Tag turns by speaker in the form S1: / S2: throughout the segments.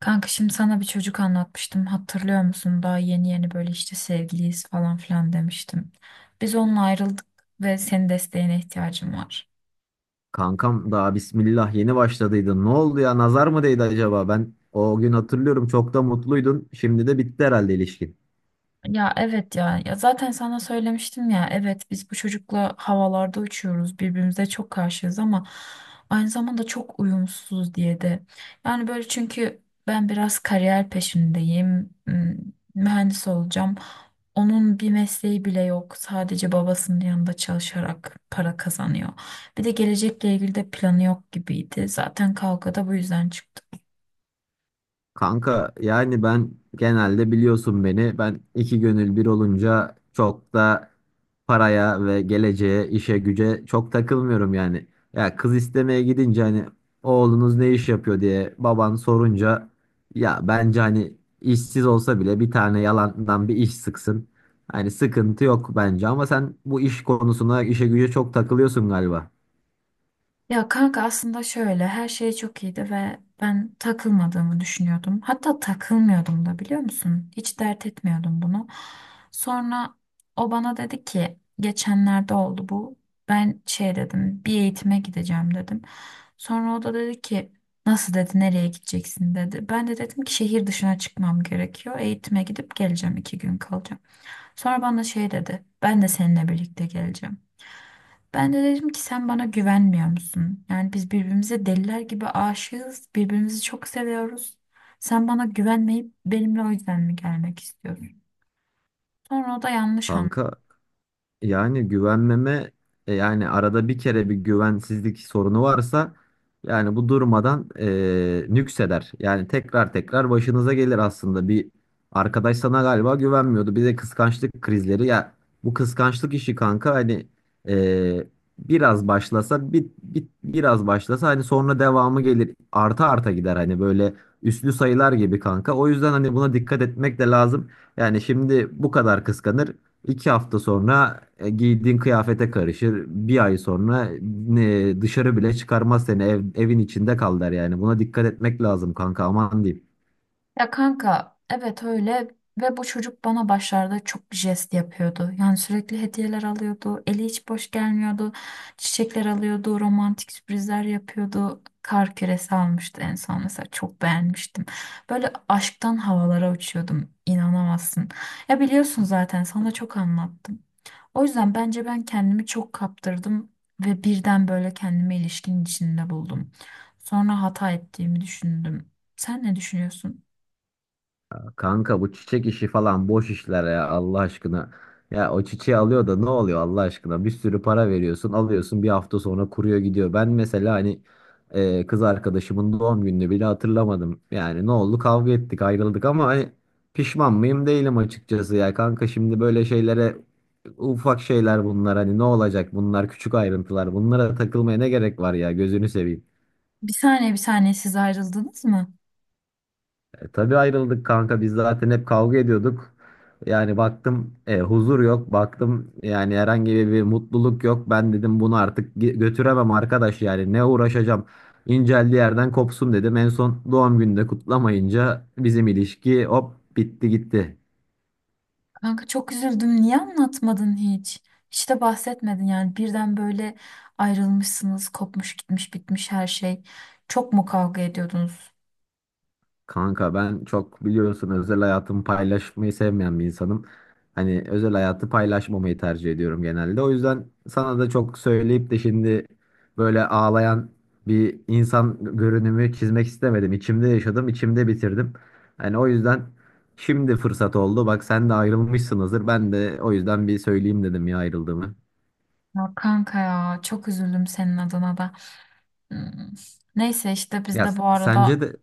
S1: Kanka şimdi sana bir çocuk anlatmıştım. Hatırlıyor musun? Daha yeni yeni böyle işte sevgiliyiz falan filan demiştim. Biz onunla ayrıldık ve senin desteğine ihtiyacım var.
S2: Kankam daha bismillah yeni başladıydı. Ne oldu ya? Nazar mı değdi acaba? Ben o gün hatırlıyorum, çok da mutluydun. Şimdi de bitti herhalde ilişkin.
S1: Ya evet ya. Ya zaten sana söylemiştim ya. Evet biz bu çocukla havalarda uçuyoruz. Birbirimize çok karşıyız ama aynı zamanda çok uyumsuzuz diye de. Yani böyle çünkü ben biraz kariyer peşindeyim. Mühendis olacağım. Onun bir mesleği bile yok. Sadece babasının yanında çalışarak para kazanıyor. Bir de gelecekle ilgili de planı yok gibiydi. Zaten kavga da bu yüzden çıktı.
S2: Kanka yani ben genelde biliyorsun beni, ben iki gönül bir olunca çok da paraya ve geleceğe, işe güce çok takılmıyorum yani. Ya kız istemeye gidince hani oğlunuz ne iş yapıyor diye baban sorunca, ya bence hani işsiz olsa bile bir tane yalandan bir iş sıksın. Hani sıkıntı yok bence, ama sen bu iş konusuna, işe güce çok takılıyorsun galiba.
S1: Ya kanka aslında şöyle her şey çok iyiydi ve ben takılmadığımı düşünüyordum. Hatta takılmıyordum da biliyor musun? Hiç dert etmiyordum bunu. Sonra o bana dedi ki geçenlerde oldu bu. Ben şey dedim bir eğitime gideceğim dedim. Sonra o da dedi ki nasıl dedi nereye gideceksin dedi. Ben de dedim ki şehir dışına çıkmam gerekiyor. Eğitime gidip geleceğim iki gün kalacağım. Sonra bana şey dedi ben de seninle birlikte geleceğim. Ben de dedim ki sen bana güvenmiyor musun? Yani biz birbirimize deliler gibi aşığız. Birbirimizi çok seviyoruz. Sen bana güvenmeyip benimle o yüzden mi gelmek istiyorsun? Sonra o da yanlış.
S2: Kanka, yani güvenmeme, yani arada bir kere bir güvensizlik sorunu varsa, yani bu durmadan nükseder. Yani tekrar tekrar başınıza gelir aslında. Bir arkadaş sana galiba güvenmiyordu. Bir de kıskançlık krizleri. Ya bu kıskançlık işi kanka, hani e, biraz başlasa biraz başlasa, hani sonra devamı gelir. Arta arta gider hani, böyle üslü sayılar gibi kanka. O yüzden hani buna dikkat etmek de lazım. Yani şimdi bu kadar kıskanır. İki hafta sonra giydiğin kıyafete karışır. Bir ay sonra dışarı bile çıkarmaz seni. Evin içinde kal der yani. Buna dikkat etmek lazım kanka, aman diyeyim.
S1: Ya kanka evet öyle ve bu çocuk bana başlarda çok jest yapıyordu. Yani sürekli hediyeler alıyordu, eli hiç boş gelmiyordu, çiçekler alıyordu, romantik sürprizler yapıyordu. Kar küresi almıştı en son mesela çok beğenmiştim. Böyle aşktan havalara uçuyordum inanamazsın. Ya biliyorsun zaten sana çok anlattım. O yüzden bence ben kendimi çok kaptırdım ve birden böyle kendimi ilişkinin içinde buldum. Sonra hata ettiğimi düşündüm. Sen ne düşünüyorsun?
S2: Kanka bu çiçek işi falan boş işler ya, Allah aşkına. Ya o çiçeği alıyor da ne oluyor Allah aşkına? Bir sürü para veriyorsun, alıyorsun, bir hafta sonra kuruyor gidiyor. Ben mesela hani kız arkadaşımın doğum gününü bile hatırlamadım. Yani ne oldu? Kavga ettik, ayrıldık, ama hani pişman mıyım, değilim açıkçası ya kanka. Şimdi böyle şeylere, ufak şeyler bunlar, hani ne olacak, bunlar küçük ayrıntılar, bunlara takılmaya ne gerek var ya, gözünü seveyim.
S1: Bir saniye bir saniye siz ayrıldınız mı?
S2: E, tabii ayrıldık kanka, biz zaten hep kavga ediyorduk. Yani baktım huzur yok. Baktım yani herhangi bir mutluluk yok. Ben dedim bunu artık götüremem arkadaş, yani ne uğraşacağım. İnceldiği yerden kopsun dedim. En son doğum günde kutlamayınca bizim ilişki hop bitti gitti.
S1: Kanka çok üzüldüm. Niye anlatmadın hiç? Hiç de bahsetmedin yani. Birden böyle ayrılmışsınız. Kopmuş gitmiş bitmiş her şey. Çok mu kavga ediyordunuz?
S2: Kanka ben çok biliyorsun, özel hayatımı paylaşmayı sevmeyen bir insanım. Hani özel hayatı paylaşmamayı tercih ediyorum genelde. O yüzden sana da çok söyleyip de şimdi böyle ağlayan bir insan görünümü çizmek istemedim. İçimde yaşadım, içimde bitirdim. Hani o yüzden şimdi fırsat oldu. Bak sen de ayrılmışsınızdır. Ben de o yüzden bir söyleyeyim dedim ya, ayrıldığımı.
S1: Ya kanka ya çok üzüldüm senin adına da. Hmm. Neyse işte biz
S2: Ya
S1: de bu
S2: sence
S1: arada
S2: de,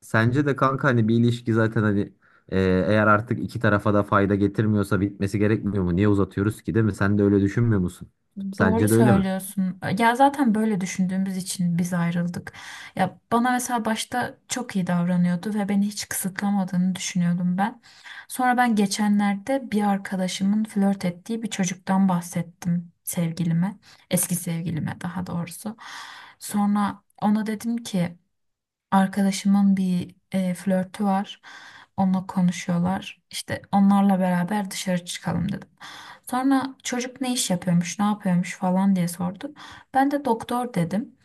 S2: sence de kanka, hani bir ilişki zaten hani, e, eğer artık iki tarafa da fayda getirmiyorsa bitmesi gerekmiyor mu? Niye uzatıyoruz ki, değil mi? Sen de öyle düşünmüyor musun?
S1: doğru
S2: Sence de öyle mi?
S1: söylüyorsun. Ya zaten böyle düşündüğümüz için biz ayrıldık. Ya bana mesela başta çok iyi davranıyordu ve beni hiç kısıtlamadığını düşünüyordum ben. Sonra ben geçenlerde bir arkadaşımın flört ettiği bir çocuktan bahsettim sevgilime. Eski sevgilime daha doğrusu. Sonra ona dedim ki arkadaşımın bir flörtü var. Onunla konuşuyorlar. İşte onlarla beraber dışarı çıkalım dedim. Sonra çocuk ne iş yapıyormuş, ne yapıyormuş falan diye sordu. Ben de doktor dedim.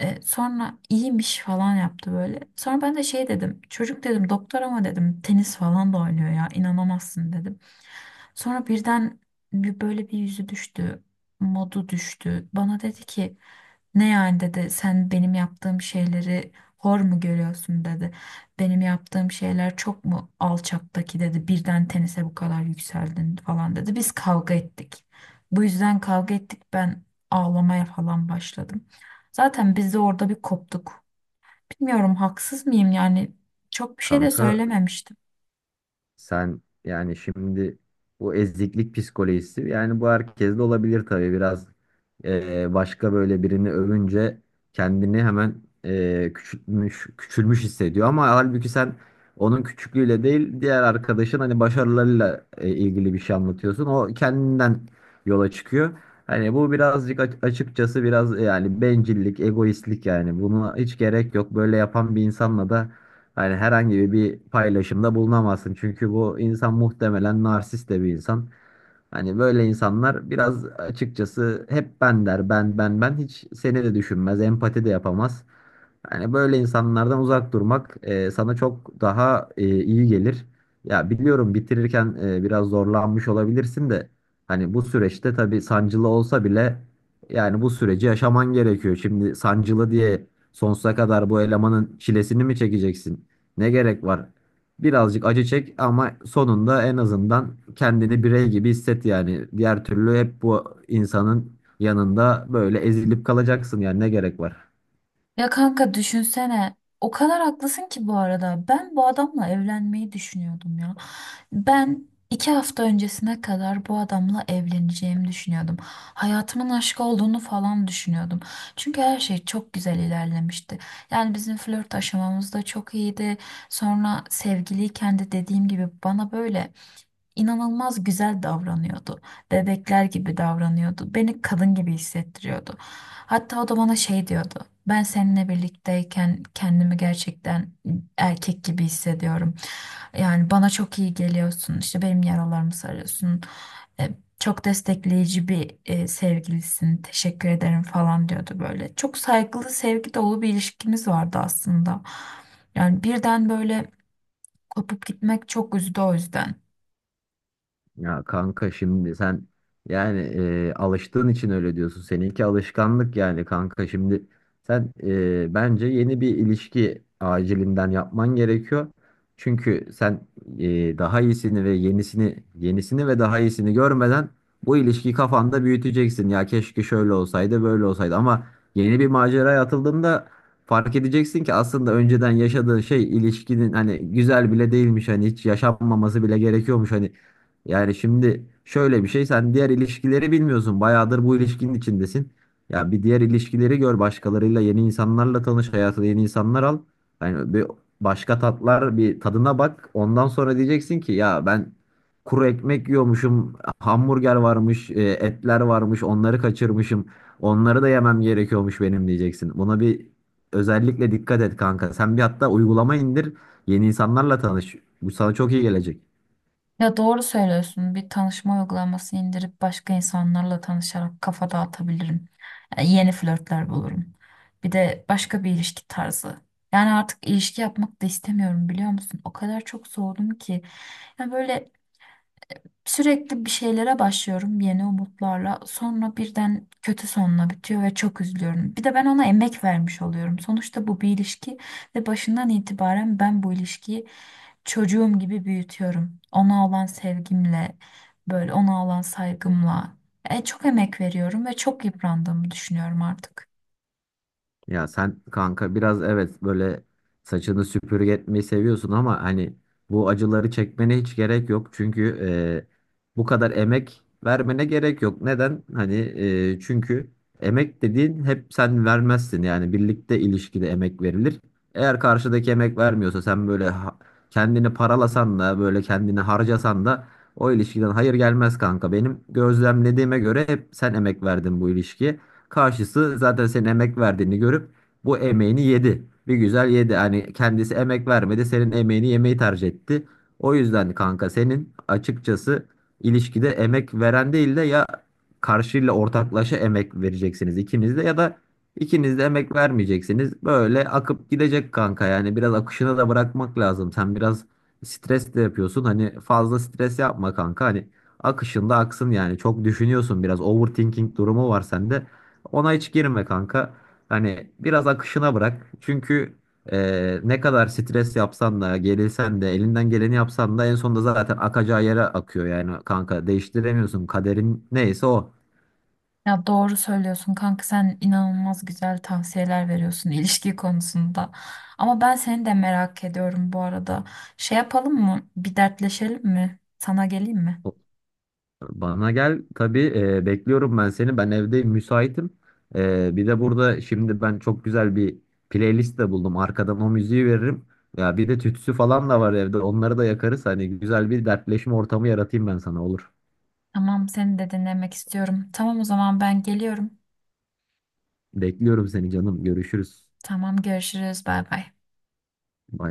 S1: Sonra iyiymiş falan yaptı böyle. Sonra ben de şey dedim. Çocuk dedim doktor ama dedim tenis falan da oynuyor ya inanamazsın dedim. Sonra birden böyle bir yüzü düştü, modu düştü. Bana dedi ki ne yani dedi sen benim yaptığım şeyleri hor mu görüyorsun dedi. Benim yaptığım şeyler çok mu alçaktaki dedi birden tenise bu kadar yükseldin falan dedi. Biz kavga ettik. Bu yüzden kavga ettik ben ağlamaya falan başladım. Zaten biz de orada bir koptuk. Bilmiyorum haksız mıyım yani çok bir şey de
S2: Kanka
S1: söylememişti.
S2: sen yani şimdi, bu eziklik psikolojisi, yani bu herkeste olabilir tabii. Biraz başka böyle birini övünce kendini hemen küçültmüş, küçülmüş hissediyor, ama halbuki sen onun küçüklüğüyle değil, diğer arkadaşın hani başarılarıyla ilgili bir şey anlatıyorsun, o kendinden yola çıkıyor. Hani bu birazcık açıkçası biraz yani bencillik, egoistlik, yani buna hiç gerek yok. Böyle yapan bir insanla da yani herhangi bir paylaşımda bulunamazsın. Çünkü bu insan muhtemelen narsist de bir insan. Hani böyle insanlar biraz açıkçası hep ben der, ben, ben, ben, hiç seni de düşünmez, empati de yapamaz. Yani böyle insanlardan uzak durmak sana çok daha iyi gelir. Ya biliyorum bitirirken biraz zorlanmış olabilirsin de, hani bu süreçte tabii sancılı olsa bile, yani bu süreci yaşaman gerekiyor. Şimdi sancılı diye sonsuza kadar bu elemanın çilesini mi çekeceksin? Ne gerek var? Birazcık acı çek, ama sonunda en azından kendini birey gibi hisset yani. Diğer türlü hep bu insanın yanında böyle ezilip kalacaksın, yani ne gerek var?
S1: Ya kanka düşünsene. O kadar haklısın ki bu arada. Ben bu adamla evlenmeyi düşünüyordum ya. Ben iki hafta öncesine kadar bu adamla evleneceğimi düşünüyordum. Hayatımın aşkı olduğunu falan düşünüyordum. Çünkü her şey çok güzel ilerlemişti. Yani bizim flört aşamamız da çok iyiydi. Sonra sevgiliyken de dediğim gibi bana böyle inanılmaz güzel davranıyordu. Bebekler gibi davranıyordu. Beni kadın gibi hissettiriyordu. Hatta o da bana şey diyordu. Ben seninle birlikteyken kendimi gerçekten erkek gibi hissediyorum. Yani bana çok iyi geliyorsun. İşte benim yaralarımı sarıyorsun. E, Çok destekleyici bir sevgilisin. Teşekkür ederim falan diyordu böyle. Çok saygılı, sevgi dolu bir ilişkimiz vardı aslında. Yani birden böyle kopup gitmek çok üzdü o yüzden.
S2: Ya kanka şimdi sen yani alıştığın için öyle diyorsun. Seninki alışkanlık, yani kanka şimdi sen bence yeni bir ilişki acilinden yapman gerekiyor. Çünkü sen daha iyisini ve yenisini, yenisini ve daha iyisini görmeden bu ilişkiyi kafanda büyüteceksin. Ya keşke şöyle olsaydı, böyle olsaydı, ama yeni bir maceraya atıldığında fark edeceksin ki aslında önceden yaşadığın şey ilişkinin, hani güzel bile değilmiş, hani hiç yaşanmaması bile gerekiyormuş. Hani yani şimdi şöyle bir şey, sen diğer ilişkileri bilmiyorsun. Bayağıdır bu ilişkinin içindesin. Ya bir diğer ilişkileri gör, başkalarıyla, yeni insanlarla tanış, hayatına yeni insanlar al. Yani bir başka tatlar, bir tadına bak. Ondan sonra diyeceksin ki ya ben kuru ekmek yiyormuşum. Hamburger varmış, etler varmış. Onları kaçırmışım. Onları da yemem gerekiyormuş benim diyeceksin. Buna bir özellikle dikkat et kanka. Sen bir hatta uygulama indir. Yeni insanlarla tanış. Bu sana çok iyi gelecek.
S1: Ya doğru söylüyorsun. Bir tanışma uygulaması indirip başka insanlarla tanışarak kafa dağıtabilirim. Yani yeni flörtler bulurum. Bir de başka bir ilişki tarzı. Yani artık ilişki yapmak da istemiyorum biliyor musun? O kadar çok soğudum ki. Ya böyle sürekli bir şeylere başlıyorum yeni umutlarla. Sonra birden kötü sonla bitiyor ve çok üzülüyorum. Bir de ben ona emek vermiş oluyorum. Sonuçta bu bir ilişki ve başından itibaren ben bu ilişkiyi çocuğum gibi büyütüyorum. Ona olan sevgimle, böyle ona olan saygımla. Çok emek veriyorum ve çok yıprandığımı düşünüyorum artık.
S2: Ya sen kanka biraz evet böyle saçını süpürge etmeyi seviyorsun, ama hani bu acıları çekmene hiç gerek yok. Çünkü bu kadar emek vermene gerek yok. Neden? Hani çünkü emek dediğin hep sen vermezsin. Yani birlikte, ilişkide emek verilir. Eğer karşıdaki emek vermiyorsa, sen böyle kendini paralasan da, böyle kendini harcasan da o ilişkiden hayır gelmez kanka. Benim gözlemlediğime göre hep sen emek verdin bu ilişkiye. Karşısı zaten senin emek verdiğini görüp bu emeğini yedi. Bir güzel yedi. Hani kendisi emek vermedi. Senin emeğini yemeyi tercih etti. O yüzden kanka senin açıkçası ilişkide emek veren değil de, ya karşıyla ortaklaşa emek vereceksiniz ikiniz de, ya da ikiniz de emek vermeyeceksiniz. Böyle akıp gidecek kanka, yani biraz akışına da bırakmak lazım. Sen biraz stres de yapıyorsun. Hani fazla stres yapma kanka. Hani akışında aksın yani. Çok düşünüyorsun biraz. Overthinking durumu var sende. Ona hiç girme kanka. Hani biraz akışına bırak. Çünkü ne kadar stres yapsan da, gerilsen de, elinden geleni yapsan da en sonunda zaten akacağı yere akıyor yani kanka. Değiştiremiyorsun. Kaderin neyse o.
S1: Ya doğru söylüyorsun kanka sen inanılmaz güzel tavsiyeler veriyorsun ilişki konusunda. Ama ben seni de merak ediyorum bu arada. Şey yapalım mı? Bir dertleşelim mi? Sana geleyim mi?
S2: O- Bana gel tabii, bekliyorum ben seni. Ben evdeyim, müsaitim. E, bir de burada şimdi ben çok güzel bir playlist de buldum. Arkadan o müziği veririm. Ya bir de tütsü falan da var evde. Onları da yakarız. Hani güzel bir dertleşme ortamı yaratayım ben sana, olur.
S1: Tamam seni de dinlemek istiyorum. Tamam o zaman ben geliyorum.
S2: Bekliyorum seni canım. Görüşürüz.
S1: Tamam görüşürüz bay bay.
S2: Bay.